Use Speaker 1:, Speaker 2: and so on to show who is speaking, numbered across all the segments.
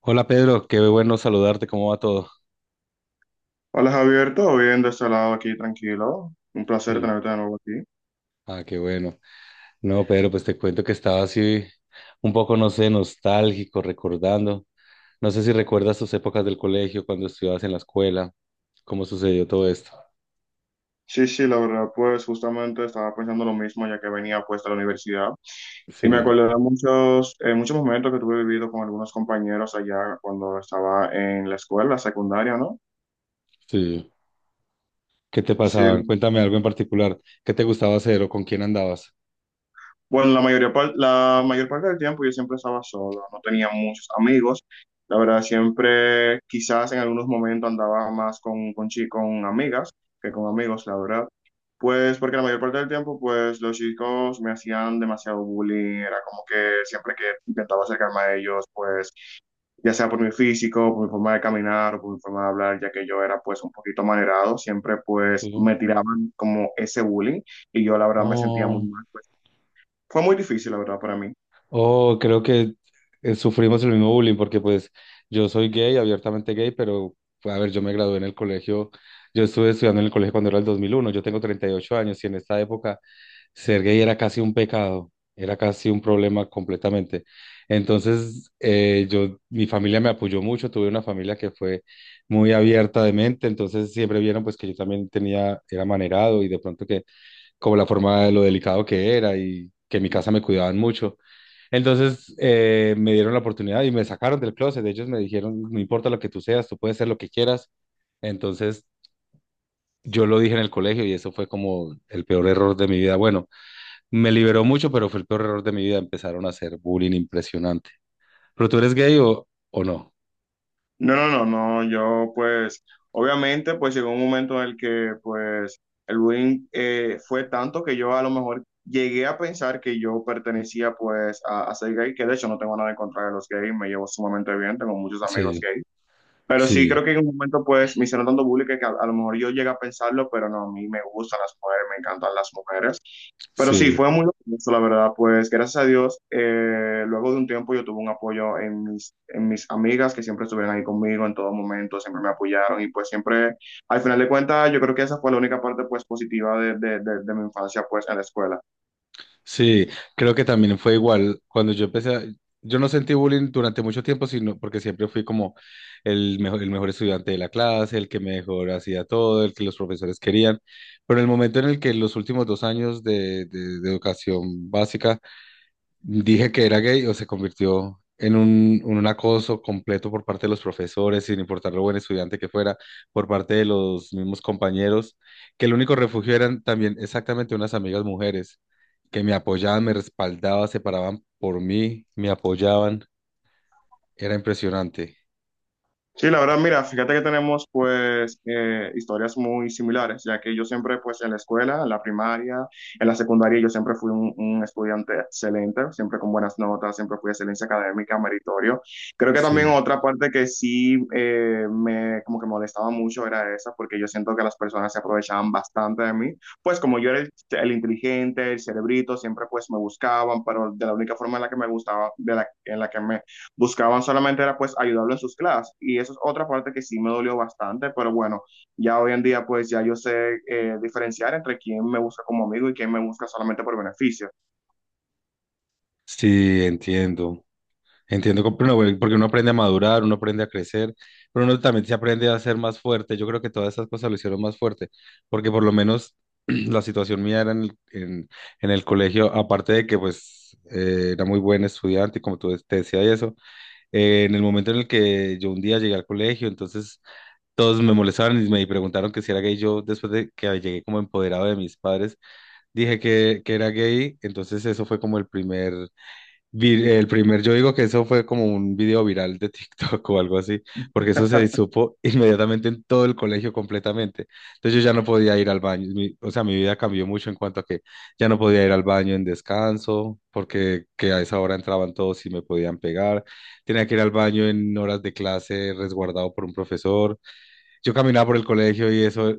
Speaker 1: Hola Pedro, qué bueno saludarte, ¿cómo va todo?
Speaker 2: Hola Javier, ¿todo bien de este lado? Aquí tranquilo. Un placer
Speaker 1: Sí.
Speaker 2: tenerte de nuevo aquí.
Speaker 1: Ah, qué bueno. No, Pedro, pues te cuento que estaba así un poco, no sé, nostálgico, recordando. No sé si recuerdas tus épocas del colegio, cuando estudiabas en la escuela, cómo sucedió todo esto.
Speaker 2: Sí, sí, la verdad, pues justamente estaba pensando lo mismo ya que venía pues de la universidad y me
Speaker 1: Sí.
Speaker 2: acordé de muchos, muchos momentos que tuve vivido con algunos compañeros allá cuando estaba en la escuela secundaria, ¿no?
Speaker 1: Sí. ¿Qué te
Speaker 2: Sí.
Speaker 1: pasaban? Cuéntame algo en particular. ¿Qué te gustaba hacer o con quién andabas?
Speaker 2: Bueno, la mayoría la mayor parte del tiempo yo siempre estaba solo, no tenía muchos amigos. La verdad, siempre quizás en algunos momentos andaba más con con amigas que con amigos, la verdad. Pues porque la mayor parte del tiempo, pues los chicos me hacían demasiado bullying, era como que siempre que intentaba acercarme a ellos, pues ya sea por mi físico, por mi forma de caminar o por mi forma de hablar, ya que yo era pues un poquito manerado, siempre pues
Speaker 1: Sí.
Speaker 2: me tiraban como ese bullying y yo la verdad me sentía muy
Speaker 1: Oh.
Speaker 2: mal, pues, fue muy difícil, la verdad, para mí.
Speaker 1: Oh, creo que sufrimos el mismo bullying porque pues yo soy gay, abiertamente gay, pero pues, a ver, yo me gradué en el colegio, yo estuve estudiando en el colegio cuando era el 2001. Yo tengo 38 años y en esta época ser gay era casi un pecado, era casi un problema completamente. Entonces, yo, mi familia me apoyó mucho, tuve una familia que fue muy abierta de mente, entonces siempre vieron pues que yo también tenía, era manerado y de pronto que como la forma de lo delicado que era y que en mi casa me cuidaban mucho. Entonces me dieron la oportunidad y me sacaron del closet. Ellos me dijeron, no importa lo que tú seas, tú puedes ser lo que quieras. Entonces yo lo dije en el colegio y eso fue como el peor error de mi vida. Bueno, me liberó mucho, pero fue el peor error de mi vida. Empezaron a hacer bullying impresionante. ¿Pero tú eres gay o no?
Speaker 2: No, no, no, no, yo pues, obviamente, pues llegó un momento en el que pues el bullying fue tanto que yo a lo mejor llegué a pensar que yo pertenecía pues a ser gay, que de hecho no tengo nada en contra de los gays, me llevo sumamente bien, tengo muchos amigos
Speaker 1: Sí,
Speaker 2: gays. Pero sí
Speaker 1: sí,
Speaker 2: creo que en un momento, pues, me hicieron tanto bullying que a lo mejor yo llegué a pensarlo, pero no, a mí me gustan las mujeres, me encantan las mujeres. Pero sí,
Speaker 1: sí.
Speaker 2: fue muy eso, la verdad. Pues gracias a Dios, luego de un tiempo yo tuve un apoyo en en mis amigas que siempre estuvieron ahí conmigo en todo momento, siempre me apoyaron y pues siempre, al final de cuentas, yo creo que esa fue la única parte pues positiva de mi infancia pues en la escuela.
Speaker 1: Sí, creo que también fue igual. Cuando yo empecé, a- Yo no sentí bullying durante mucho tiempo, sino porque siempre fui como el mejor estudiante de la clase, el que mejor hacía todo, el que los profesores querían. Pero en el momento en el que los últimos 2 años de educación básica dije que era gay, o se convirtió en en un acoso completo por parte de los profesores, sin importar lo buen estudiante que fuera, por parte de los mismos compañeros, que el único refugio eran también exactamente unas amigas mujeres que me apoyaban, me respaldaban, se paraban por mí, me apoyaban. Era impresionante.
Speaker 2: Sí, la verdad, mira, fíjate que tenemos pues historias muy similares, ya que yo siempre pues en la escuela, en la primaria, en la secundaria, yo siempre fui un estudiante excelente, siempre con buenas notas, siempre fui excelencia académica, meritorio. Creo que también
Speaker 1: Sí.
Speaker 2: otra parte que sí me como que molestaba mucho era esa, porque yo siento que las personas se aprovechaban bastante de mí, pues como yo era el inteligente, el cerebrito, siempre pues me buscaban, pero de la única forma en la que me gustaba, en la que me buscaban solamente era pues ayudarlo en sus clases, y eso es otra parte que sí me dolió bastante, pero bueno, ya hoy en día pues ya yo sé diferenciar entre quién me busca como amigo y quién me busca solamente por beneficio.
Speaker 1: Sí, entiendo. Entiendo, pero no, güey, porque uno aprende a madurar, uno aprende a crecer, pero uno también se aprende a ser más fuerte. Yo creo que todas esas cosas lo hicieron más fuerte, porque por lo menos la situación mía era en en el colegio, aparte de que pues era muy buen estudiante, y como tú te decía y eso, en el momento en el que yo un día llegué al colegio, entonces todos me molestaban y me preguntaron que si era gay. Yo después de que llegué como empoderado de mis padres, dije que era gay, entonces eso fue como el primer el primer, yo digo que eso fue como un video viral de TikTok o algo así, porque eso se supo inmediatamente en todo el colegio completamente. Entonces yo ya no podía ir al baño, o sea, mi vida cambió mucho en cuanto a que ya no podía ir al baño en descanso, porque que a esa hora entraban todos y me podían pegar. Tenía que ir al baño en horas de clase resguardado por un profesor. Yo caminaba por el colegio y eso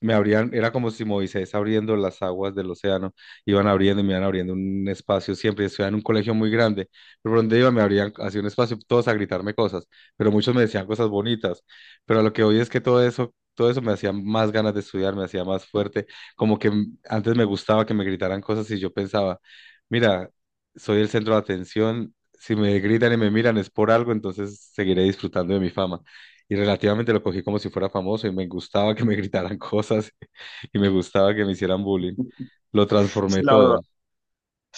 Speaker 1: me abrían, era como si Moisés abriendo las aguas del océano, iban abriendo y me iban abriendo un espacio siempre, estudiaba en un colegio muy grande, pero por donde iba me abrían así un espacio, todos a gritarme cosas, pero muchos me decían cosas bonitas, pero a lo que hoy es que todo eso me hacía más ganas de estudiar, me hacía más fuerte, como que antes me gustaba que me gritaran cosas y yo pensaba, mira, soy el centro de atención, si me gritan y me miran es por algo, entonces seguiré disfrutando de mi fama. Y relativamente lo cogí como si fuera famoso y me gustaba que me gritaran cosas y me gustaba que me hicieran bullying. Lo
Speaker 2: Sí,
Speaker 1: transformé
Speaker 2: la verdad.
Speaker 1: todo.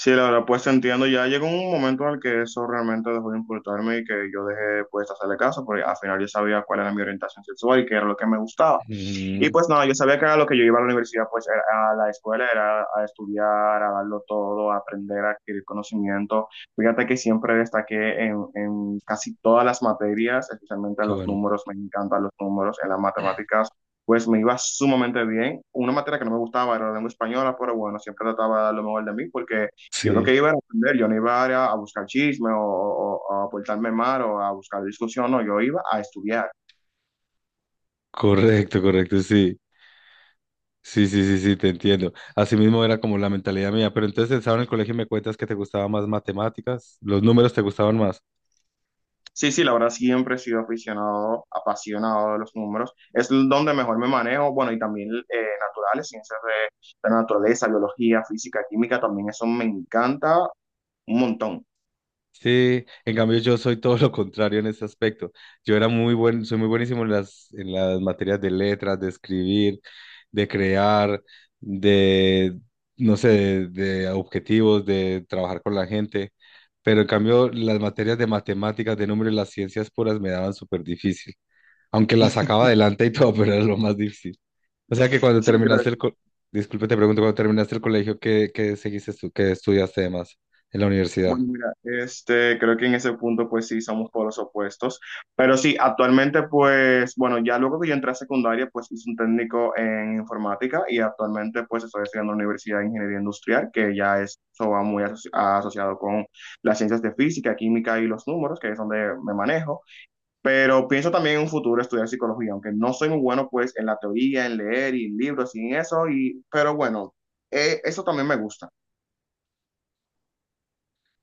Speaker 2: Sí, la verdad, pues entiendo, ya llegó un momento en el que eso realmente dejó de importarme y que yo dejé pues hacerle caso, porque al final yo sabía cuál era mi orientación sexual y qué era lo que me gustaba. Y
Speaker 1: Ujú,
Speaker 2: pues nada, yo sabía que era lo que yo iba a la universidad, pues era a la escuela, era a estudiar, a darlo todo, a aprender, a adquirir conocimiento. Fíjate que siempre destaqué en casi todas las materias, especialmente
Speaker 1: qué
Speaker 2: los
Speaker 1: bueno.
Speaker 2: números, me encantan los números, en las matemáticas. Pues me iba sumamente bien. Una materia que no me gustaba era la lengua española, pero bueno, siempre trataba de dar lo mejor de mí porque yo lo
Speaker 1: Sí,
Speaker 2: que iba era aprender, yo no iba a buscar chisme o a portarme mal o a buscar discusión, no, yo iba a estudiar.
Speaker 1: correcto, correcto, sí. Sí, sí, sí, sí, te entiendo. Así mismo era como la mentalidad mía. Pero entonces estaba en el colegio, me cuentas que te gustaban más matemáticas, los números te gustaban más.
Speaker 2: Sí, sí, la verdad siempre he sido aficionado, apasionado de los números. Es donde mejor me manejo, bueno, y también naturales, ciencias de la naturaleza, biología, física, química, también eso me encanta un montón.
Speaker 1: Sí, en cambio yo soy todo lo contrario en ese aspecto. Yo era muy buen, soy muy buenísimo en en las materias de letras, de escribir, de crear, de, no sé, de objetivos, de trabajar con la gente. Pero en cambio las materias de matemáticas, de números, las ciencias puras me daban súper difícil. Aunque las sacaba adelante y todo, pero era lo más difícil. O sea que cuando
Speaker 2: Sí, creo.
Speaker 1: terminaste el, co- Disculpe, te pregunto, cuando terminaste el colegio, ¿qué, qué seguiste tú, qué estudiaste además en la universidad?
Speaker 2: Bueno, mira, este, creo que en ese punto pues sí somos por los opuestos, pero sí, actualmente pues, bueno, ya luego que yo entré a secundaria pues hice un técnico en informática y actualmente pues estoy estudiando en la Universidad de Ingeniería Industrial, que ya eso va muy asociado con las ciencias de física, química y los números, que es donde me manejo, pero pienso también en un futuro estudiar psicología, aunque no soy muy bueno pues en la teoría, en leer y en libros y en eso, y, pero bueno, eso también me gusta.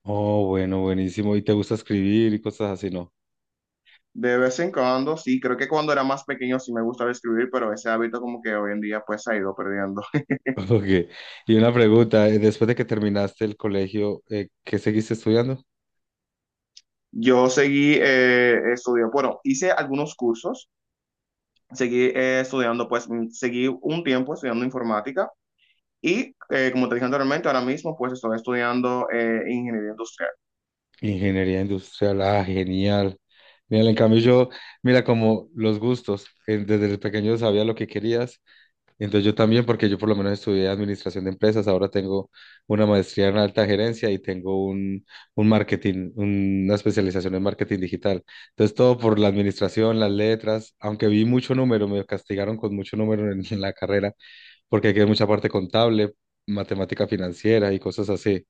Speaker 1: Oh, bueno, buenísimo. ¿Y te gusta escribir y cosas así, no?
Speaker 2: De vez en cuando, sí, creo que cuando era más pequeño sí me gustaba escribir, pero ese hábito como que hoy en día pues se ha ido perdiendo.
Speaker 1: Ok. Y una pregunta, después de que terminaste el colegio, ¿qué seguiste estudiando?
Speaker 2: Yo seguí estudiando, bueno, hice algunos cursos, seguí estudiando, pues seguí un tiempo estudiando informática y como te dije anteriormente, ahora mismo pues estoy estudiando ingeniería industrial.
Speaker 1: Ingeniería industrial. Ah, genial. Mira, en cambio yo, mira, como los gustos, desde pequeño sabía lo que querías. Entonces yo también, porque yo por lo menos estudié administración de empresas, ahora tengo una maestría en alta gerencia y tengo un marketing, una especialización en marketing digital. Entonces todo por la administración, las letras, aunque vi mucho número, me castigaron con mucho número en la carrera, porque hay que ver mucha parte contable, matemática financiera y cosas así.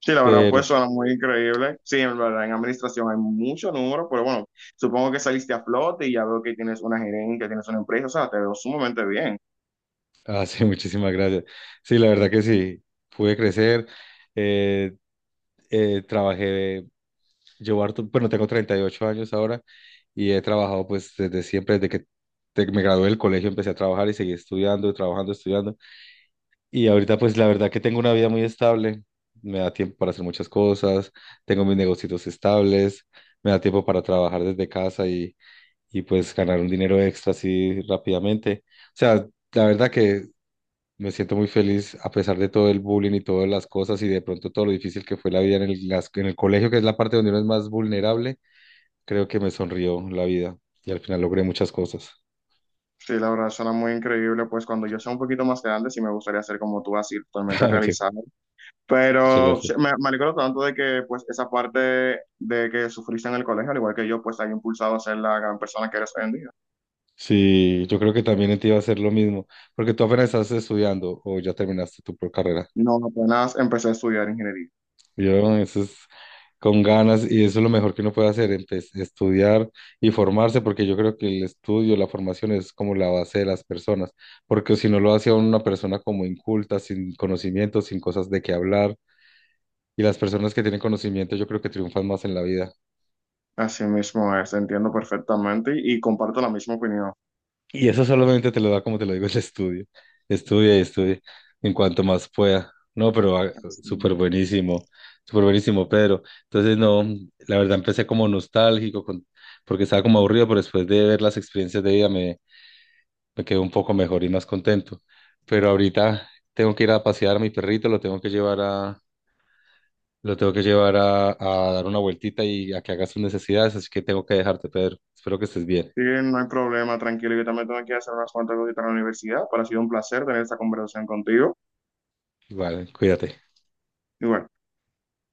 Speaker 2: Sí, la verdad
Speaker 1: Pero,
Speaker 2: pues suena muy increíble. Sí, en verdad en administración hay mucho número, pero bueno, supongo que saliste a flote y ya veo que tienes una gerencia, tienes una empresa, o sea, te veo sumamente bien.
Speaker 1: ah, sí, muchísimas gracias. Sí, la verdad que sí, pude crecer. eh, trabajé. Llevo harto, bueno, tengo 38 años ahora y he trabajado pues desde siempre, desde que me gradué del colegio, empecé a trabajar y seguí estudiando, trabajando, estudiando. Y ahorita pues la verdad que tengo una vida muy estable, me da tiempo para hacer muchas cosas, tengo mis negocios estables, me da tiempo para trabajar desde casa y pues ganar un dinero extra así rápidamente. O sea, la verdad que me siento muy feliz a pesar de todo el bullying y todas las cosas y de pronto todo lo difícil que fue la vida en en el colegio, que es la parte donde uno es más vulnerable. Creo que me sonrió la vida y al final logré muchas cosas.
Speaker 2: Sí, la verdad suena muy increíble, pues cuando yo sea un poquito más grande sí me gustaría ser como tú, así
Speaker 1: Ah,
Speaker 2: totalmente realizado.
Speaker 1: Muchas
Speaker 2: Pero
Speaker 1: gracias.
Speaker 2: sí, me alegro tanto de que pues esa parte de que sufriste en el colegio, al igual que yo, pues te haya impulsado a ser la gran persona que eres hoy en día.
Speaker 1: Sí, yo creo que también en ti va a ser lo mismo, porque tú apenas estás estudiando o ya terminaste tu carrera.
Speaker 2: No, apenas empecé a estudiar ingeniería.
Speaker 1: Yo, eso es con ganas y eso es lo mejor que uno puede hacer, estudiar y formarse, porque yo creo que el estudio, la formación es como la base de las personas, porque si no lo hace a uno una persona como inculta, sin conocimiento, sin cosas de qué hablar, y las personas que tienen conocimiento yo creo que triunfan más en la vida.
Speaker 2: Así mismo es, entiendo perfectamente y comparto la misma opinión.
Speaker 1: Y eso solamente te lo da, como te lo digo, el estudio. Estudia y estudia en cuanto más pueda. No, pero ah,
Speaker 2: Sí.
Speaker 1: súper buenísimo, súper buenísimo, Pedro. Entonces, no, la verdad empecé como nostálgico, porque estaba como aburrido, pero después de ver las experiencias de vida me, me quedé un poco mejor y más contento. Pero ahorita tengo que ir a pasear a mi perrito, lo tengo que llevar a, lo tengo que llevar a dar una vueltita y a que haga sus necesidades, así que tengo que dejarte, Pedro. Espero que estés bien.
Speaker 2: Sí, no hay problema, tranquilo, yo también tengo que hacer unas cuantas cositas en la universidad, pero ha sido un placer tener esta conversación contigo.
Speaker 1: Vale, cuídate.
Speaker 2: Y bueno.